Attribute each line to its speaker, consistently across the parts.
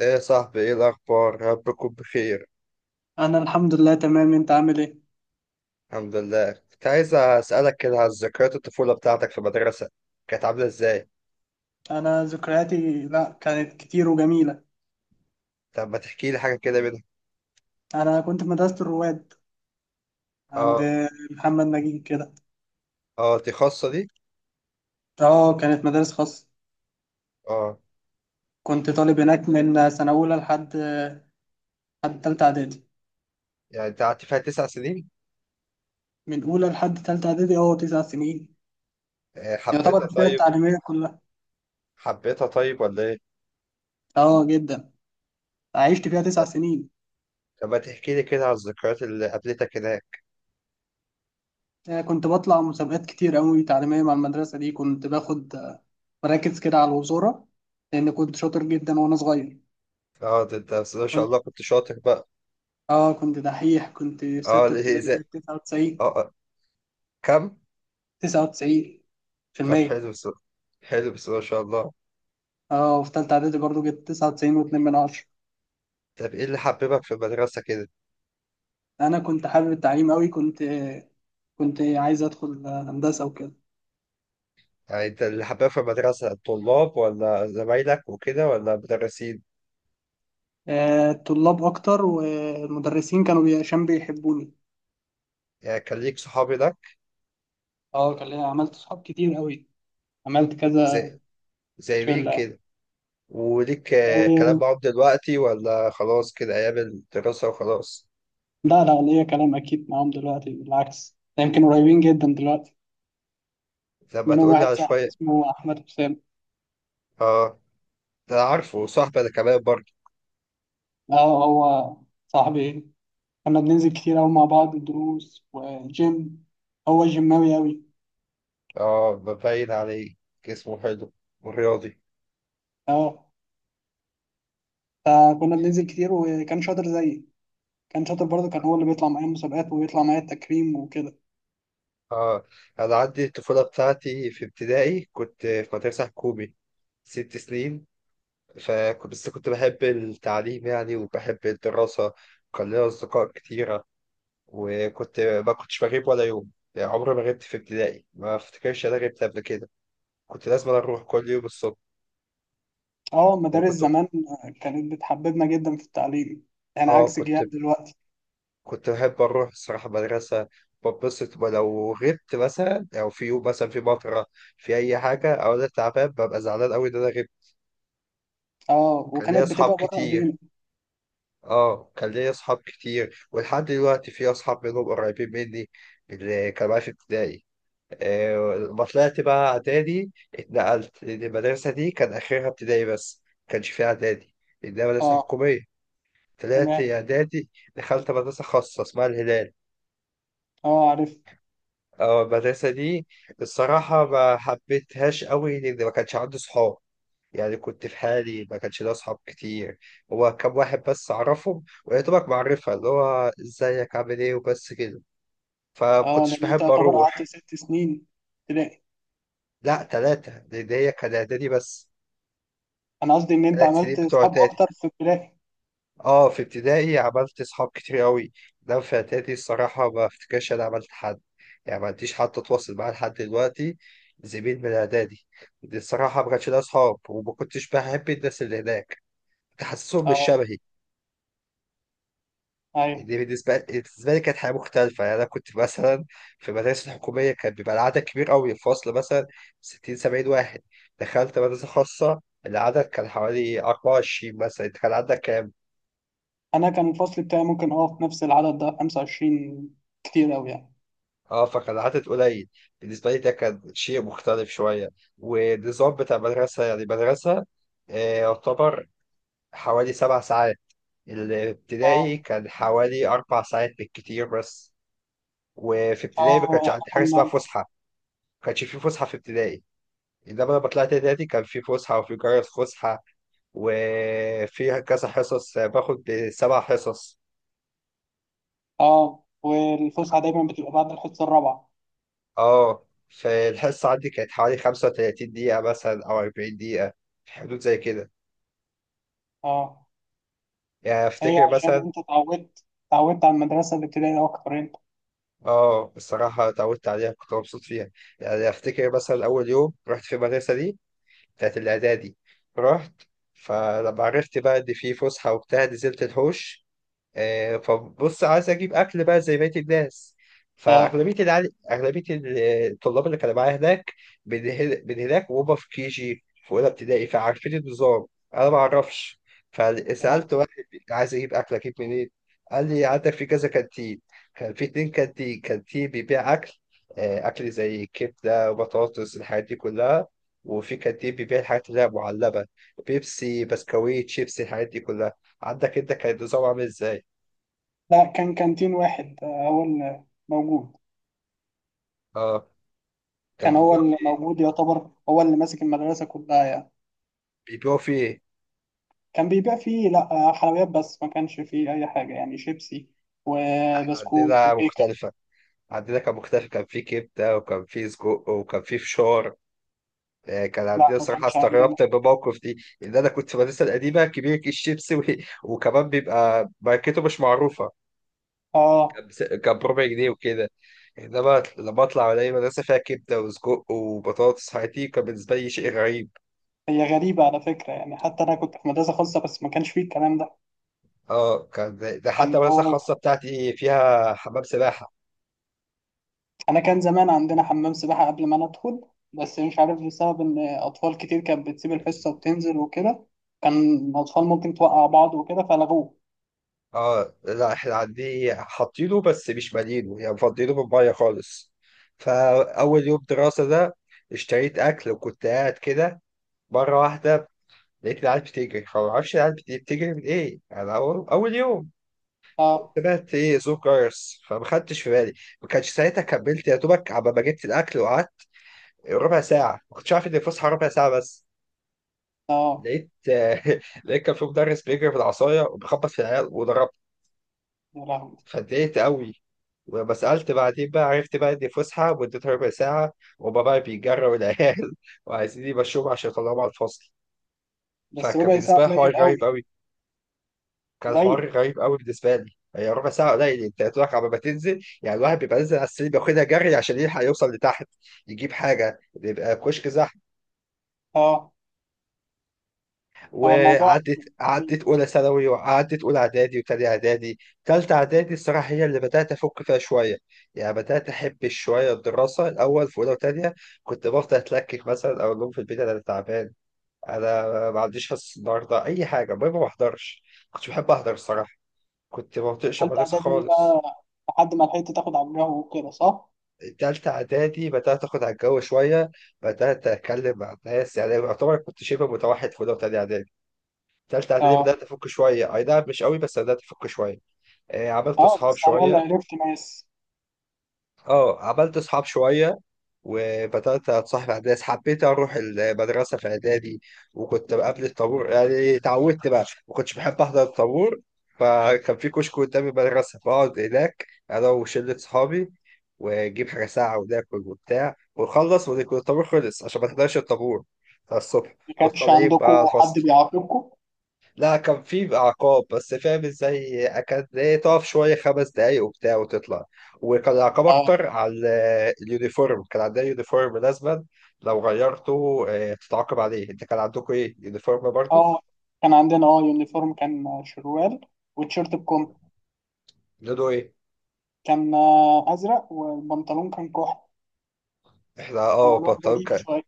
Speaker 1: ايه يا صاحبي، ايه الاخبار؟ رب تكون بخير.
Speaker 2: انا الحمد لله تمام، انت عامل ايه؟
Speaker 1: الحمد لله. كنت عايز اسالك كده على ذكريات الطفوله بتاعتك في المدرسه، كانت عامله ازاي؟
Speaker 2: انا ذكرياتي لا كانت كتير وجميله.
Speaker 1: طب ما تحكي لي حاجه كده منها.
Speaker 2: انا كنت في مدرسه الرواد عند
Speaker 1: اه.
Speaker 2: محمد نجيب كده.
Speaker 1: اه، دي خاصه دي؟
Speaker 2: اه، كانت مدارس خاصه.
Speaker 1: اه.
Speaker 2: كنت طالب هناك من سنه اولى لحد تالته اعدادي.
Speaker 1: يعني انت قعدت فيها 9 سنين؟
Speaker 2: من اولى لحد تالته اعدادي، اه، تسع سنين. يعتبر
Speaker 1: حبيتها؟
Speaker 2: الفئه
Speaker 1: طيب،
Speaker 2: التعليميه كلها.
Speaker 1: حبيتها طيب ولا ايه؟
Speaker 2: اه، جدا. عشت فيها تسع سنين.
Speaker 1: طب ما تحكي لي كده على الذكريات اللي قابلتك هناك.
Speaker 2: كنت بطلع مسابقات كتير قوي تعليميه مع المدرسه دي، كنت باخد مراكز كده على الوزاره، لان كنت شاطر جدا وانا صغير.
Speaker 1: اه، ده انت بس ما شاء الله كنت شاطر بقى.
Speaker 2: اه، كنت دحيح، كنت في
Speaker 1: اه،
Speaker 2: ستة
Speaker 1: ليه؟
Speaker 2: ابتدائي
Speaker 1: ازاي؟
Speaker 2: جايب تسعة وتسعين.
Speaker 1: اه. آه. كم؟
Speaker 2: تسعة وتسعين في
Speaker 1: طب
Speaker 2: المية.
Speaker 1: حلو، بس حلو بس ما شاء الله.
Speaker 2: اه، وفي تالتة إعدادي برضو جبت تسعة وتسعين واتنين من عشرة.
Speaker 1: طب ايه اللي حببك في المدرسه كده؟
Speaker 2: أنا كنت حابب التعليم أوي، كنت عايز أدخل هندسة وكده.
Speaker 1: يعني انت اللي حباه في المدرسة الطلاب ولا زمايلك وكده ولا مدرسين؟
Speaker 2: الطلاب أكتر، والمدرسين كانوا عشان بيحبوني.
Speaker 1: يعني كان ليك صحاب هناك؟
Speaker 2: اه، كان ليا، عملت صحاب كتير أوي، عملت كذا
Speaker 1: زي زي مين
Speaker 2: شلة.
Speaker 1: كده؟ وليك كلام
Speaker 2: آه،
Speaker 1: معاهم دلوقتي ولا خلاص كده أيام الدراسة وخلاص؟
Speaker 2: لا لا، ليا كلام أكيد معاهم دلوقتي، بالعكس ده يمكن قريبين جدا دلوقتي.
Speaker 1: لما
Speaker 2: منهم
Speaker 1: تقول لي
Speaker 2: واحد
Speaker 1: على
Speaker 2: صاحبي
Speaker 1: شوية.
Speaker 2: اسمه أحمد حسام.
Speaker 1: اه، ده أنا عارفه، صاحبي أنا كمان برضه.
Speaker 2: اه، هو صاحبي. كنا بننزل كتير أوي مع بعض الدروس والجيم. هو جيماوي أوي.
Speaker 1: اه، ببين عليه، جسمه حلو ورياضي.
Speaker 2: اه، فكنا بننزل كتير، وكان شاطر زيي. كان شاطر برضه، كان هو اللي بيطلع معايا المسابقات وبيطلع معايا التكريم وكده.
Speaker 1: اه. أنا عندي الطفولة بتاعتي في ابتدائي كنت في مدرسة حكومي، 6 سنين. فكنت بس كنت بحب التعليم يعني، وبحب الدراسة، وكان لي أصدقاء كتيرة، وكنت ما كنتش بغيب ولا يوم، يعني عمري ما غبت في ابتدائي. ما أفتكرش أنا غبت قبل كده. كنت لازم أروح كل يوم الصبح.
Speaker 2: اه، مدارس
Speaker 1: وكنت
Speaker 2: زمان كانت بتحببنا جدا في التعليم، يعني
Speaker 1: آه
Speaker 2: عكس
Speaker 1: كنت
Speaker 2: جيال دلوقتي.
Speaker 1: كنت بحب أروح الصراحة مدرسة. ببسط، ولو غبت مثلا، أو في يوم مثلا في مطرة، في أي حاجة، أو أنا تعبان، ببقى زعلان أوي إن أنا غبت.
Speaker 2: اه،
Speaker 1: كان ليا
Speaker 2: وكانت
Speaker 1: أصحاب
Speaker 2: بتبقى بره
Speaker 1: كتير.
Speaker 2: ايدينا.
Speaker 1: اه، كان ليا اصحاب كتير، ولحد دلوقتي في اصحاب منهم قريبين مني، اللي كانوا معايا في ابتدائي. لما طلعت بقى اعدادي، اتنقلت، لأن المدرسه دي كان اخرها ابتدائي بس، ما كانش فيها اعدادي، لانها مدرسه
Speaker 2: اه،
Speaker 1: حكوميه. طلعت
Speaker 2: تمام.
Speaker 1: اعدادي، دخلت مدرسه خاصه اسمها الهلال.
Speaker 2: اه، عارف.
Speaker 1: اه، المدرسه دي الصراحه ما حبيتهاش قوي، لان ما كانش عندي صحاب. يعني كنت في حالي، ما كانش ليا أصحاب كتير. هو كام واحد بس أعرفهم، ويا دوبك معرفة اللي هو إزيك عامل إيه وبس كده.
Speaker 2: اه،
Speaker 1: فمكنتش
Speaker 2: لأن أنت
Speaker 1: بحب
Speaker 2: يعتبر قعدت
Speaker 1: أروح.
Speaker 2: ست سنين ابتدائي.
Speaker 1: لا، تلاتة، لأن هي كان إعدادي بس،
Speaker 2: أنا قصدي إن أنت
Speaker 1: 3 سنين
Speaker 2: عملت
Speaker 1: بتوع
Speaker 2: صحاب
Speaker 1: إعدادي.
Speaker 2: أكتر في ابتدائي.
Speaker 1: أه، في ابتدائي عملت أصحاب كتير أوي، ده في إعدادي الصراحة ما أفتكرش أنا عملت حد. يعني ما عنديش حد أتواصل معاه لحد دلوقتي زميل من إعدادي. دي الصراحة ما كانش ليا أصحاب، وما كنتش بحب الناس اللي هناك، كنت حاسسهم مش
Speaker 2: اه،
Speaker 1: شبهي.
Speaker 2: أيوه.
Speaker 1: دي بالنسبة لي كانت حياة مختلفة. يعني أنا كنت مثلا في المدارس الحكومية كان بيبقى العدد كبير أوي، الفصل مثلا 60 70 واحد. دخلت مدرسة خاصة العدد كان حوالي 24، مثلا أنت كان عندك كام؟
Speaker 2: انا كان الفصل بتاعي ممكن في نفس العدد ده، 25، كتير قوي يعني.
Speaker 1: أه، فكان العدد قليل، بالنسبة لي ده كان شيء مختلف شوية. والنظام بتاع المدرسة، يعني المدرسة يعتبر حوالي 7 ساعات. الابتدائي
Speaker 2: اه،
Speaker 1: كان حوالي 4 ساعات بالكتير بس. وفي ابتدائي ما
Speaker 2: اه،
Speaker 1: كانش
Speaker 2: احنا
Speaker 1: عندي حاجة
Speaker 2: كنا
Speaker 1: اسمها فسحة، ما كانش في فسحة في ابتدائي. انما لما طلعت نادي كان في فسحه، وفي جرس فسحه، وفي كذا حصص، باخد 7 حصص.
Speaker 2: اه والفسحه دايما بتبقى بعد الحصه الرابعه.
Speaker 1: اه، فالحصه عندي كانت حوالي 35 دقيقه مثلا، او 40 دقيقه، في حدود زي كده.
Speaker 2: اه،
Speaker 1: يعني
Speaker 2: هي
Speaker 1: افتكر
Speaker 2: عشان
Speaker 1: مثلا،
Speaker 2: انت اتعودت على المدرسه الابتدائيه اكتر انت.
Speaker 1: اه الصراحه اتعودت عليها، كنت مبسوط فيها. يعني افتكر مثلا اول يوم رحت في المدرسه دي بتاعت الاعدادي، رحت، فلما عرفت بقى ان في فسحه وبتاع، نزلت الحوش. فبص، عايز اجيب اكل بقى زي بقيه الناس.
Speaker 2: اه.
Speaker 1: اغلبيه الطلاب اللي كانوا معايا هناك من هناك، وهم في كي جي في اولى ابتدائي، فعارفين النظام، انا ما اعرفش.
Speaker 2: اه،
Speaker 1: فسالت واحد، عايز اجيب اكل، اجيب منين؟ قال لي عندك في كذا كانتين. كان في اتنين كانتين بيبيع اكل، اكل زي كبده وبطاطس، الحاجات دي كلها. وفي كانتين بيبيع الحاجات اللي هي معلبه، بيبسي بسكويت شيبسي، الحاجات دي كلها. عندك انت كان النظام عامل ازاي؟
Speaker 2: لا، كان كانتين واحد، هو اللي موجود.
Speaker 1: اه. كان
Speaker 2: كان هو
Speaker 1: بيبيعوا
Speaker 2: اللي
Speaker 1: فيه،
Speaker 2: موجود، يعتبر هو اللي ماسك المدرسه كلها يعني.
Speaker 1: بيبيعوا فيه.
Speaker 2: كان بيبيع فيه، لا، حلويات بس، ما كانش فيه اي حاجه، يعني شيبسي وبسكوت
Speaker 1: عندنا
Speaker 2: وكيكه.
Speaker 1: مختلفة، عندنا كان مختلف، كان فيه كبدة وكان فيه سجق وكان فيه فشار. كان
Speaker 2: لا،
Speaker 1: عندنا
Speaker 2: ما
Speaker 1: صراحة
Speaker 2: كانش عندنا.
Speaker 1: استغربت بالموقف دي، إن أنا كنت في المدرسة القديمة كبير كيس شيبسي و... وكمان بيبقى ماركته مش معروفة،
Speaker 2: اه،
Speaker 1: كان بربع جنيه وكده. إنما لما أطلع ألاقي مدرسة فيها كبدة وسجق وبطاطس، حياتي كان بالنسبة لي شيء غريب.
Speaker 2: هي غريبة على فكرة، يعني حتى أنا كنت في مدرسة خاصة بس ما كانش فيه الكلام ده.
Speaker 1: اه، كان ده حتى
Speaker 2: كان
Speaker 1: المدرسة
Speaker 2: هو.
Speaker 1: الخاصة بتاعتي فيها حمام سباحة.
Speaker 2: أنا كان زمان عندنا حمام سباحة قبل ما أنا أدخل، بس مش عارف، بسبب إن أطفال كتير كانت بتسيب الحصة وتنزل وكده، كان الأطفال ممكن توقع بعض وكده فلغوه.
Speaker 1: اه، لا احنا عندي حاطينه بس مش مالينه، يعني مفضينه بالميه خالص. فاول يوم دراسه ده اشتريت اكل وكنت قاعد كده، مره واحده لقيت العيال بتجري، فما اعرفش العيال بتجري من ايه. انا اول يوم،
Speaker 2: أه.
Speaker 1: سمعت ايه صوت جرس فما خدتش في بالي، ما كانش ساعتها كملت يا دوبك عبال ما جبت الاكل وقعدت ربع ساعه، ما كنتش عارف ان الفسحه ربع ساعه بس.
Speaker 2: أه.
Speaker 1: لقيت لقيت كان في مدرس بيجري بالعصايه وبيخبط في العيال وضربه.
Speaker 2: يا لهوي.
Speaker 1: فاتضايقت قوي. وبس سألت بعدين بقى، عرفت بقى إن فسحة مدتها ربع ساعة، وهما بقى بيجروا العيال وعايزين يمشوهم عشان يطلعوهم على الفصل.
Speaker 2: بس
Speaker 1: فكان
Speaker 2: ربع ساعة
Speaker 1: بالنسبة لي حوار
Speaker 2: قليل أوي.
Speaker 1: غريب قوي، كان
Speaker 2: قليل.
Speaker 1: حوار غريب قوي بالنسبة لي. هي ربع ساعة قليل، أنت يا دوبك على ما تنزل، يعني الواحد بيبقى نازل على السرير بياخدها جري عشان يلحق يوصل لتحت، يجيب حاجة، بيبقى كشك زحمة.
Speaker 2: أه، هو الموضوع
Speaker 1: وعدت
Speaker 2: كان غريب.
Speaker 1: عدت اولى ثانوي، وعدت اولى اعدادي وتاني اعدادي. تالتة اعدادي الصراحه هي اللي بدات افك فيها شويه، يعني بدات احب شويه الدراسه. الاول في اولى وتانية كنت بفضل اتلكك، مثلا اقول لهم في البيت انا تعبان، انا ما عنديش حصه النهارده، اي حاجه المهم ما بحضرش. كنتش بحب احضر الصراحه، كنت ما بطيقش
Speaker 2: تالتة
Speaker 1: المدرسه
Speaker 2: إعدادي
Speaker 1: خالص.
Speaker 2: بقى. لحد ما لحقت تاخد على الجو وكده صح؟
Speaker 1: تالتة إعدادي بدأت آخد على الجو شوية، بدأت أتكلم مع الناس. يعني يعتبر كنت شبه متوحد في أولى وتانية إعدادي. تالتة اعدادي
Speaker 2: أه.
Speaker 1: بدأت أفك شوية، أي نعم مش قوي، بس بدأت أفك شوية. عملت
Speaker 2: أه،
Speaker 1: أصحاب
Speaker 2: بس على
Speaker 1: شوية.
Speaker 2: الأقل عرفت ناس.
Speaker 1: أه، عملت أصحاب شوية، وبدأت أتصاحب على الناس، حبيت أروح المدرسة في إعدادي. وكنت قبل الطابور يعني اتعودت بقى، ما كنتش بحب أحضر الطابور. فكان في كشك قدام المدرسة، بقعد هناك أنا وشلة صحابي، ونجيب حاجة ساعة وناكل وبتاع ونخلص، ويكون الطابور خلص، عشان ما تحضرش الطابور بتاع الصبح،
Speaker 2: ما كانش
Speaker 1: وطالعين بقى
Speaker 2: عندكم
Speaker 1: على
Speaker 2: حد
Speaker 1: الفصل.
Speaker 2: بيعاقبكم؟
Speaker 1: لا، كان في بقى عقاب بس، فاهم ازاي، كانت ايه، تقف شويه 5 دقايق وبتاع وتطلع. وكان العقاب اكتر على اليونيفورم. كان عندنا يونيفورم لازما، لو غيرته تتعاقب عليه. انت كان عندكم ايه يونيفورم برضو؟
Speaker 2: اه، كان عندنا يونيفورم، كان شروال والتيشيرت بكم.
Speaker 1: لونه ايه؟
Speaker 2: كان ازرق، والبنطلون كان كحل.
Speaker 1: احنا
Speaker 2: هو لون
Speaker 1: بنطلون
Speaker 2: غريب
Speaker 1: كان،
Speaker 2: شويه.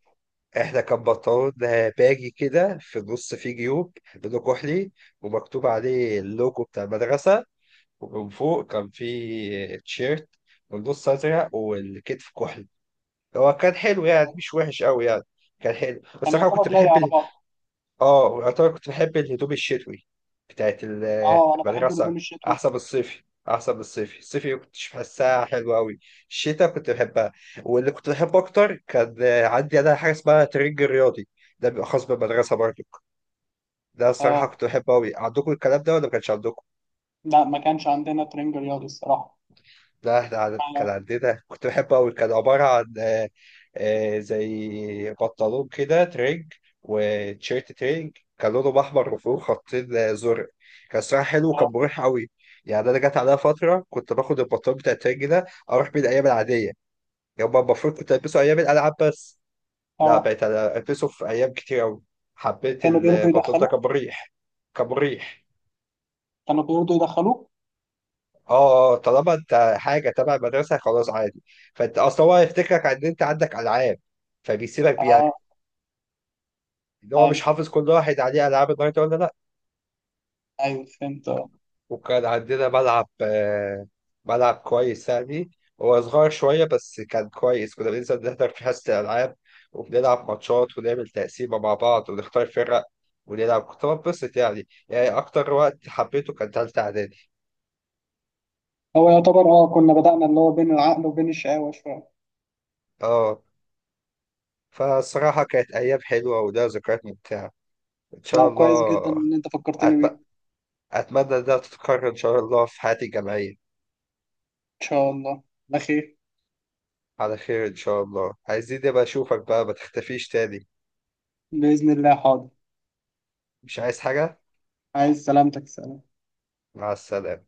Speaker 1: احنا كان بنطلون باجي كده في النص فيه جيوب، لونه كحلي، ومكتوب عليه اللوجو بتاع المدرسه. ومن فوق كان فيه تيشيرت، والنص ازرق والكتف كحلي. هو كان حلو يعني، مش وحش قوي يعني، كان حلو. بس
Speaker 2: كان
Speaker 1: انا كنت
Speaker 2: يعتبر لايق
Speaker 1: بحب
Speaker 2: على
Speaker 1: ال...
Speaker 2: بعض.
Speaker 1: اه، يعتبر كنت بحب الهدوم الشتوي بتاعت
Speaker 2: اه، انا بحب
Speaker 1: المدرسه.
Speaker 2: الهدوم الشتوي.
Speaker 1: احسن من الصيفي، احسن من الصيفي، الصيفي ما كنتش بحسها حلوه قوي، الشتاء كنت بحبها. واللي كنت بحبه اكتر كان، عندي انا حاجه اسمها ترنج رياضي، ده بيبقى خاص بالمدرسه برضو. ده الصراحه
Speaker 2: اه،
Speaker 1: كنت بحبه قوي. عندكم الكلام ده ولا ما كانش عندكم؟
Speaker 2: لا، ما كانش عندنا ترنج رياضي الصراحه.
Speaker 1: لا، كان
Speaker 2: ما-
Speaker 1: عندنا، كنت بحبه قوي، كان عبارة عن زي بنطلون كده ترينج، وتيشيرت ترينج. كان لونهم احمر، وفوق خطين زرق. كان صراحة حلو، وكان
Speaker 2: اه.
Speaker 1: مريح قوي. يعني انا جت عليا فترة كنت باخد البنطلون بتاع الترينج ده اروح بيه الايام العادية. يوم ما المفروض كنت البسه ايام الالعاب بس، لا
Speaker 2: آه.
Speaker 1: بقيت أنا البسه في ايام كتير قوي. حبيت
Speaker 2: كانوا بيرضوا
Speaker 1: البنطلون ده،
Speaker 2: يدخلوه.
Speaker 1: كان مريح. كان مريح.
Speaker 2: كانوا بيرضوا يدخلوه.
Speaker 1: اه اه، طالما انت حاجه تبع المدرسه خلاص عادي. فانت اصل هو هيفتكرك ان انت عندك العاب، فبيسيبك بيها،
Speaker 2: اه،
Speaker 1: ان هو مش
Speaker 2: ايوه
Speaker 1: حافظ كل واحد عليه العاب النهارده ولا لا.
Speaker 2: ايوه فهمت اه.
Speaker 1: وكان عندنا ملعب ملعب كويس يعني، هو صغير شويه بس كان كويس، كنا بننزل نحضر في حصه الالعاب، وبنلعب ماتشات ونعمل تقسيمه مع بعض ونختار فرق ونلعب. كنت بنبسط يعني، يعني اكتر وقت حبيته كان تالتة اعدادي.
Speaker 2: هو يعتبر كنا بدأنا اللي هو بين العقل وبين الشقاوة شوية.
Speaker 1: اه، فالصراحه كانت ايام حلوه ولها ذكريات ممتعه، ان شاء
Speaker 2: لا، كويس
Speaker 1: الله.
Speaker 2: جدا ان انت فكرتني بيه.
Speaker 1: أتم-
Speaker 2: ان
Speaker 1: أتمنى ده تتكرر إن شاء الله في حياتي الجامعية.
Speaker 2: شاء الله على خير.
Speaker 1: على خير إن شاء الله، عايزين نبقى أشوفك بقى، ما تختفيش تاني.
Speaker 2: بإذن الله، حاضر.
Speaker 1: مش عايز حاجة.
Speaker 2: عايز سلامتك. سلام.
Speaker 1: مع السلامة.